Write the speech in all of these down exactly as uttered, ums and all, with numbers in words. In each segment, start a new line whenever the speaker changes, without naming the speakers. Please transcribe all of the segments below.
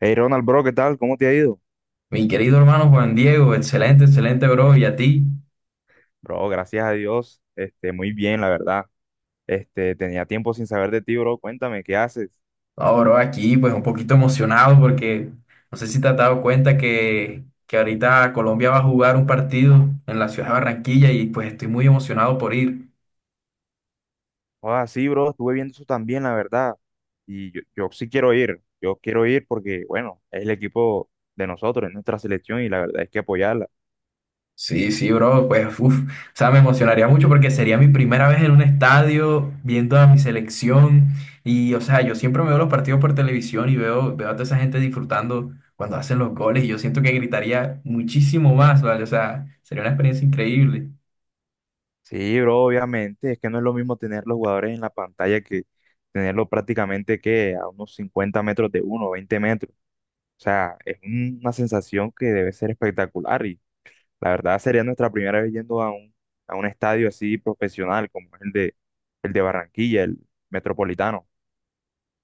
Hey Ronald, bro, ¿qué tal? ¿Cómo te ha ido?
Mi querido hermano Juan Diego, excelente, excelente, bro. Y a ti,
Bro, gracias a Dios, este, muy bien, la verdad. Este, tenía tiempo sin saber de ti, bro. Cuéntame, ¿qué haces?
ahora bro, aquí pues un poquito emocionado porque no sé si te has dado cuenta que, que ahorita Colombia va a jugar un partido en la ciudad de Barranquilla y pues estoy muy emocionado por ir.
Ah, sí, bro, estuve viendo eso también, la verdad. Y yo, yo sí quiero ir, yo quiero ir porque, bueno, es el equipo de nosotros, es nuestra selección y la verdad es que apoyarla.
Sí, sí, bro, pues, uf, o sea, me emocionaría mucho porque sería mi primera vez en un estadio viendo a mi selección y, o sea, yo siempre me veo los partidos por televisión y veo, veo a toda esa gente disfrutando cuando hacen los goles y yo siento que gritaría muchísimo más, ¿vale? O sea, sería una experiencia increíble.
Sí, bro, obviamente, es que no es lo mismo tener los jugadores en la pantalla que tenerlos prácticamente que a unos cincuenta metros de uno, veinte metros. O sea, es un- una sensación que debe ser espectacular. La verdad sería nuestra primera vez yendo a un, a un estadio así profesional como es el de, el de Barranquilla, el Metropolitano.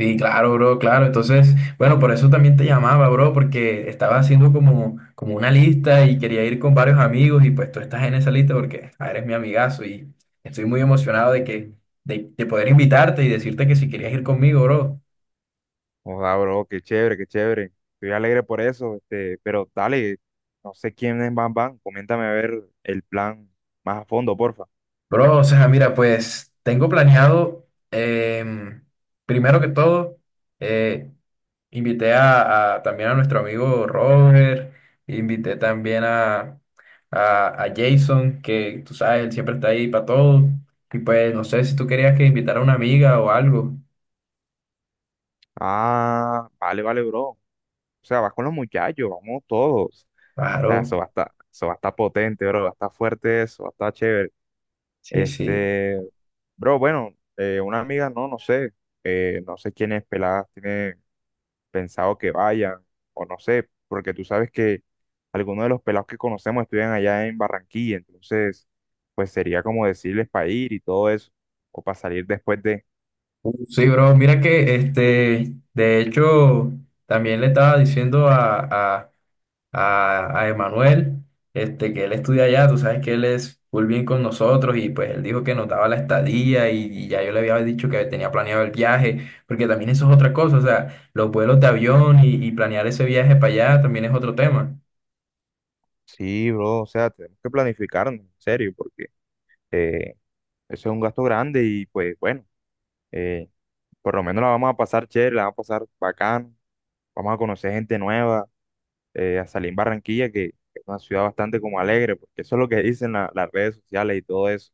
Sí, claro, bro, claro. Entonces, bueno, por eso también te llamaba, bro, porque estaba haciendo como, como una lista y quería ir con varios amigos y pues tú estás en esa lista porque ah, eres mi amigazo y estoy muy emocionado de que de, de poder invitarte y decirte que si querías ir conmigo, bro.
Joda, bro, qué chévere, qué chévere. Estoy alegre por eso, este, pero dale, no sé quiénes van, van. Coméntame a ver el plan más a fondo, porfa.
Bro, o sea, mira, pues tengo planeado, em, primero que todo, eh, invité a, a- también a nuestro amigo Robert, invité también a, a, a Jason, que tú sabes, él siempre está ahí para todo. Y pues no sé si tú querías que invitara a una amiga o algo.
Ah, vale, vale, bro. O sea, vas con los muchachos, vamos todos. O sea, eso
Claro,
va a estar, eso va a estar potente, bro. Va a estar fuerte eso, va a estar chévere.
sí, sí.
Este, bro, bueno, eh, una amiga, no, no sé, eh, no sé quiénes peladas tiene pensado que vayan, o no sé, porque tú sabes que algunos de los pelados que conocemos estudian allá en Barranquilla, entonces, pues sería como decirles para ir y todo eso, o para salir después de...
Uh, Sí, bro, mira que este, de hecho, también le estaba diciendo a a, a Emanuel, este, que él estudia allá, tú sabes que él es full bien con nosotros y pues él dijo que nos daba la estadía y, y ya yo le había dicho que tenía planeado el viaje, porque también eso es otra cosa, o sea, los vuelos de avión y, y planear ese viaje para allá también es otro tema.
Sí, bro, o sea, tenemos que planificarnos, en serio, porque eh, eso es un gasto grande y pues bueno, eh, por lo menos la vamos a pasar chévere, la vamos a pasar bacán, vamos a conocer gente nueva eh, a Salín Barranquilla, que es una ciudad bastante como alegre, porque eso es lo que dicen la- las redes sociales y todo eso.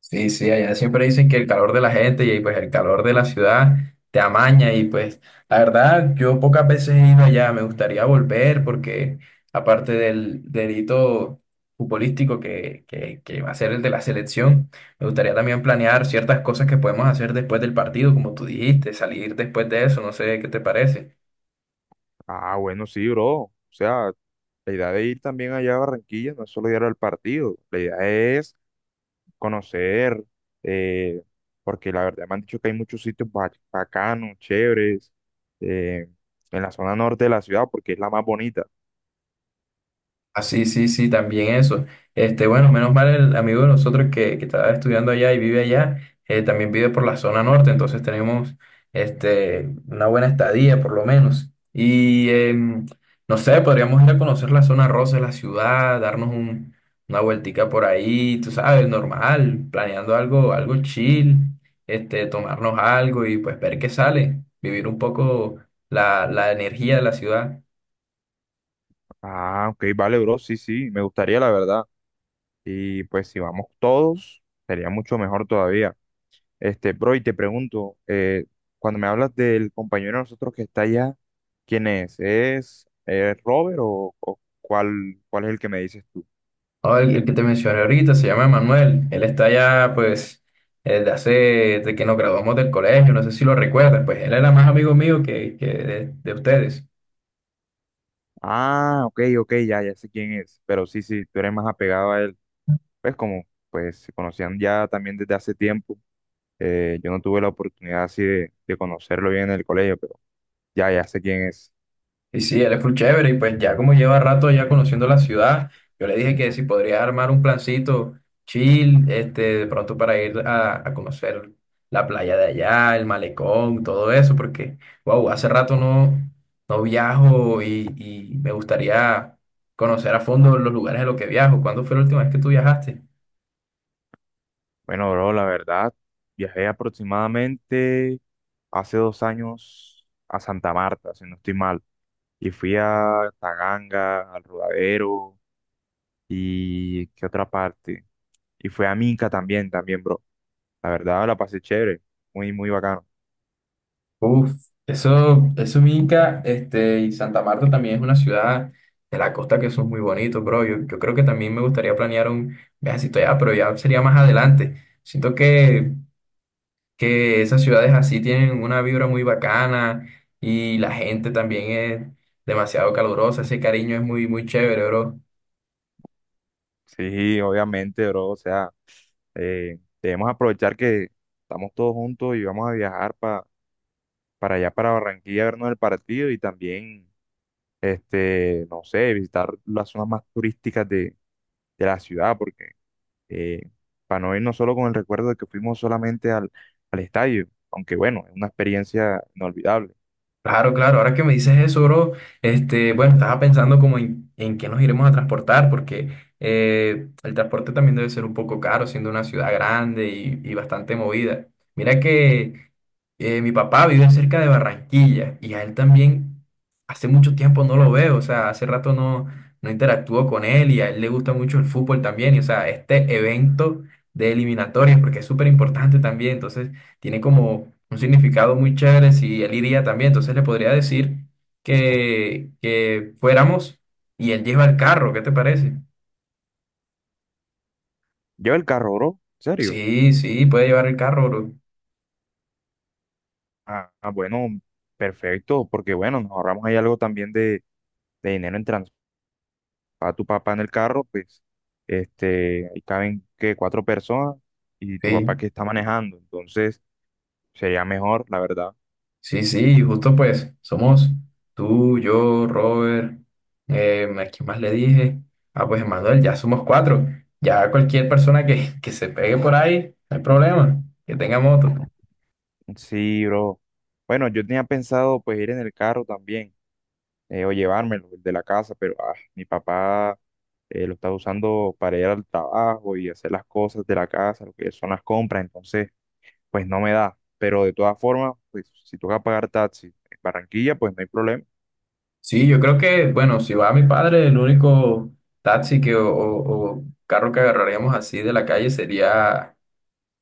Sí, sí, allá siempre dicen que el calor de la gente y pues el calor de la ciudad te amaña y pues la verdad yo pocas veces he ido allá, me gustaría volver porque aparte del del hito futbolístico que, que, que va a ser el de la selección, me gustaría también planear ciertas cosas que podemos hacer después del partido, como tú dijiste, salir después de eso, no sé qué te parece.
Ah, bueno, sí, bro. O sea, la idea de ir también allá a Barranquilla no es solo ir al partido, la idea es conocer, eh, porque la verdad me han dicho que hay muchos sitios ba- bacanos, chéveres, eh, en la zona norte de la ciudad, porque es la más bonita.
Ah, sí, sí, sí, también eso. Este, bueno, menos mal el amigo de nosotros que, que estaba estudiando allá y vive allá, eh, también vive por la zona norte, entonces tenemos este, una buena estadía por lo menos. Y em, no sé, podríamos ir a conocer la zona rosa de la ciudad, darnos un- una vueltica por ahí, tú sabes, normal, planeando algo, algo chill, este, tomarnos algo y pues ver qué sale, vivir un poco la, la energía de la ciudad.
Ah, ok, vale, bro, sí, sí, me gustaría la verdad. Y pues si vamos todos, sería mucho mejor todavía. Este, bro, y te pregunto, eh, cuando me hablas del compañero de nosotros que está allá, ¿quién es? ¿Es eh, Robert o, o cuál, cuál es el que me dices tú?
Oh, el, el que te mencioné ahorita se llama Manuel. Él está ya, pues, desde hace, de que nos graduamos del colegio, no sé si lo recuerdas, pues él era más amigo mío que, que de, de ustedes.
Ah, ok, ok, ya, ya sé quién es, pero sí, sí, tú eres más apegado a él. Pues como, pues se conocían ya también desde hace tiempo, eh, yo no tuve la oportunidad así de, de conocerlo bien en el colegio, pero ya, ya sé quién es.
Y sí, él es full chévere y pues ya como lleva rato ya conociendo la ciudad, yo le dije que si podría armar un plancito chill, este, de pronto para ir a, a conocer la playa de allá, el malecón, todo eso, porque, wow, hace rato no, no viajo y, y me gustaría conocer a fondo los lugares de los que viajo. ¿Cuándo fue la última vez que tú viajaste?
Bueno, bro, la verdad, viajé aproximadamente hace dos años a Santa Marta, si no estoy mal. Y fui a Taganga, al Rodadero y qué otra parte. Y fui a Minca también, también, bro. La verdad la pasé chévere, muy, muy bacano.
Uf, eso, eso es Inca, este, y Santa Marta también es una ciudad de la costa que son muy bonitos, bro. Yo, yo creo que también me gustaría planear un viajecito allá, pero ya sería más adelante. Siento que, que esas ciudades así tienen una vibra muy bacana y la gente también es demasiado calurosa, ese cariño es muy, muy chévere, bro.
Sí, obviamente, bro. O sea, eh, debemos aprovechar que estamos todos juntos y vamos a viajar pa- para allá, para Barranquilla, a vernos el partido y también, este, no sé, visitar las zonas más turísticas de, de la ciudad, porque eh, para no irnos solo con el recuerdo de que fuimos solamente al, al estadio, aunque bueno, es una experiencia inolvidable.
Claro, claro, ahora que me dices eso, bro, este, bueno, estaba pensando como en, en qué nos iremos a transportar, porque eh, el transporte también debe ser un poco caro, siendo una ciudad grande y, y bastante movida. Mira que eh, mi papá vive cerca de Barranquilla y a él también hace mucho tiempo no lo veo, o sea, hace rato no, no interactúo con él y a él le gusta mucho el fútbol también, y o sea, este evento de eliminatorias, porque es súper importante también, entonces tiene como un significado muy chévere si él iría también. Entonces le podría decir que, que fuéramos y él lleva el carro, ¿qué te parece?
Lleva el carro, bro, ¿en serio?
Sí, sí, puede llevar el carro, bro.
Ah, ah, bueno, perfecto, porque bueno, nos ahorramos ahí algo también de, de dinero en transporte. Para tu papá en el carro, pues, este, ahí caben, que Cuatro personas y tu papá
Sí,
que está manejando, entonces sería mejor, la verdad.
sí, sí, y justo pues somos tú, yo, Robert, eh, ¿a quién más le dije? Ah, pues Manuel, ya somos cuatro. Ya cualquier persona que, que se pegue por ahí, no hay problema, que tenga moto.
Sí, bro. Bueno, yo tenía pensado pues ir en el carro también. eh, o llevármelo el de la casa, pero ah, mi papá eh, lo está usando para ir al trabajo y hacer las cosas de la casa, lo que son las compras, entonces pues no me da. Pero de todas formas, pues si toca pagar taxi en Barranquilla, pues no hay problema.
Sí, yo creo que, bueno, si va mi padre, el único taxi que, o, o- o carro que agarraríamos así de la calle sería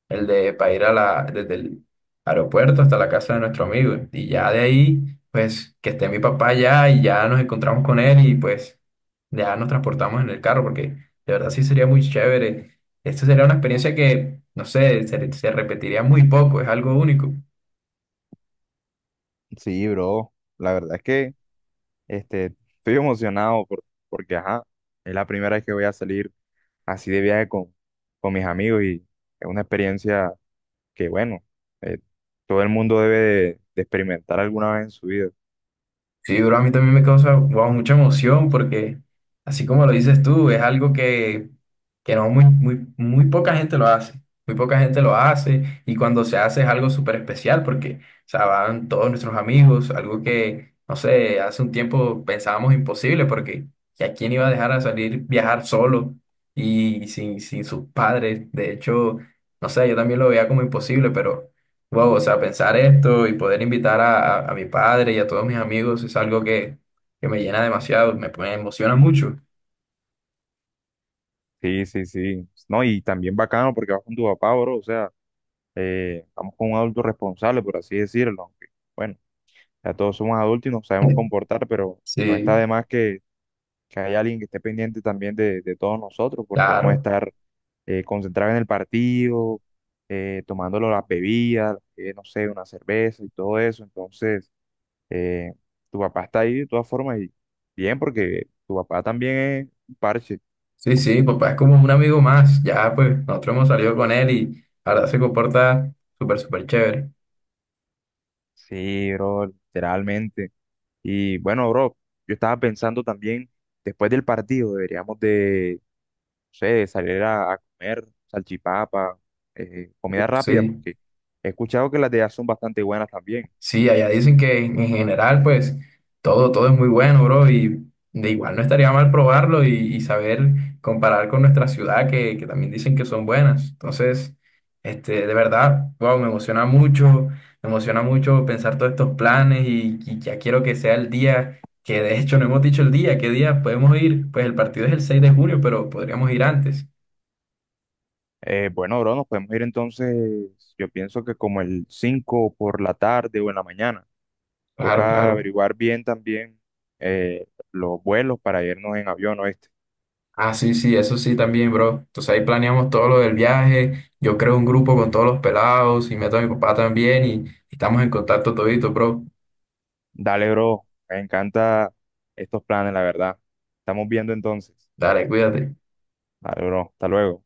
el de para ir a la, desde el aeropuerto hasta la casa de nuestro amigo. Y ya de ahí, pues, que esté mi papá ya y ya nos encontramos con él y pues ya nos transportamos en el carro, porque de verdad sí sería muy chévere. Esto sería una experiencia que, no sé, se, se repetiría muy poco, es algo único.
Sí, bro, la verdad es que Este, estoy emocionado por- porque, ajá, es la primera vez que voy a salir así de viaje con, con mis amigos y es una experiencia que, bueno, eh, todo el mundo debe de, de experimentar alguna vez en su vida.
Sí, bro, a mí también me causa, wow, mucha emoción porque, así como lo dices tú, es algo que, que no muy, muy, muy poca gente lo hace. Muy poca gente lo hace y cuando se hace es algo súper especial porque, o sea, van todos nuestros amigos, algo que, no sé, hace un tiempo pensábamos imposible porque ¿y ¿a quién iba a dejar a salir viajar solo y sin, sin sus padres? De hecho, no sé, yo también lo veía como imposible, pero... Wow, o sea, pensar esto y poder invitar a, a- a mi padre y a todos mis amigos es algo que, que me llena demasiado, me, me emociona mucho.
Sí, sí, sí. No, y también bacano porque vas con tu papá, bro. O sea, eh, vamos con un adulto responsable, por así decirlo. Aunque, bueno, ya todos somos adultos y nos sabemos comportar, pero no está
Sí,
de más que, que haya alguien que esté pendiente también de, de todos nosotros, porque vamos a
claro.
estar eh, concentrados en el partido, eh, tomándolo las bebidas, eh, no sé, una cerveza y todo eso. Entonces, eh, tu papá está ahí de todas formas y bien, porque tu papá también es un parche.
Sí, sí, papá es como un amigo más. Ya, pues, nosotros hemos salido con él y la verdad se comporta súper, súper chévere.
Sí, bro, literalmente. Y bueno, bro, yo estaba pensando también, después del partido deberíamos de, no sé, de salir a, a comer salchipapa, eh, comida rápida,
Sí.
porque he escuchado que las de allá son bastante buenas también.
Sí, allá dicen que en en general, pues, todo, todo es muy bueno, bro, y de igual no estaría mal probarlo y, y saber comparar con nuestra ciudad, que, que también dicen que son buenas. Entonces, este, de verdad, wow, me emociona mucho, me emociona mucho pensar todos estos planes y, y ya quiero que sea el día, que de hecho no hemos dicho el día, ¿qué día podemos ir? Pues el partido es el seis de junio, pero podríamos ir antes.
Eh, bueno, bro, nos podemos ir entonces, yo pienso que como el cinco por la tarde o en la mañana.
Claro,
Toca
claro.
averiguar bien también eh, los vuelos para irnos en avión, o. este
Ah, sí, sí, eso sí también, bro. Entonces ahí planeamos todo lo del viaje. Yo creo un grupo con todos los pelados y meto a mi papá también y y estamos en contacto todito, bro.
Dale, bro, me encanta estos planes, la verdad. Estamos viendo entonces.
Dale, cuídate.
Dale, bro, hasta luego.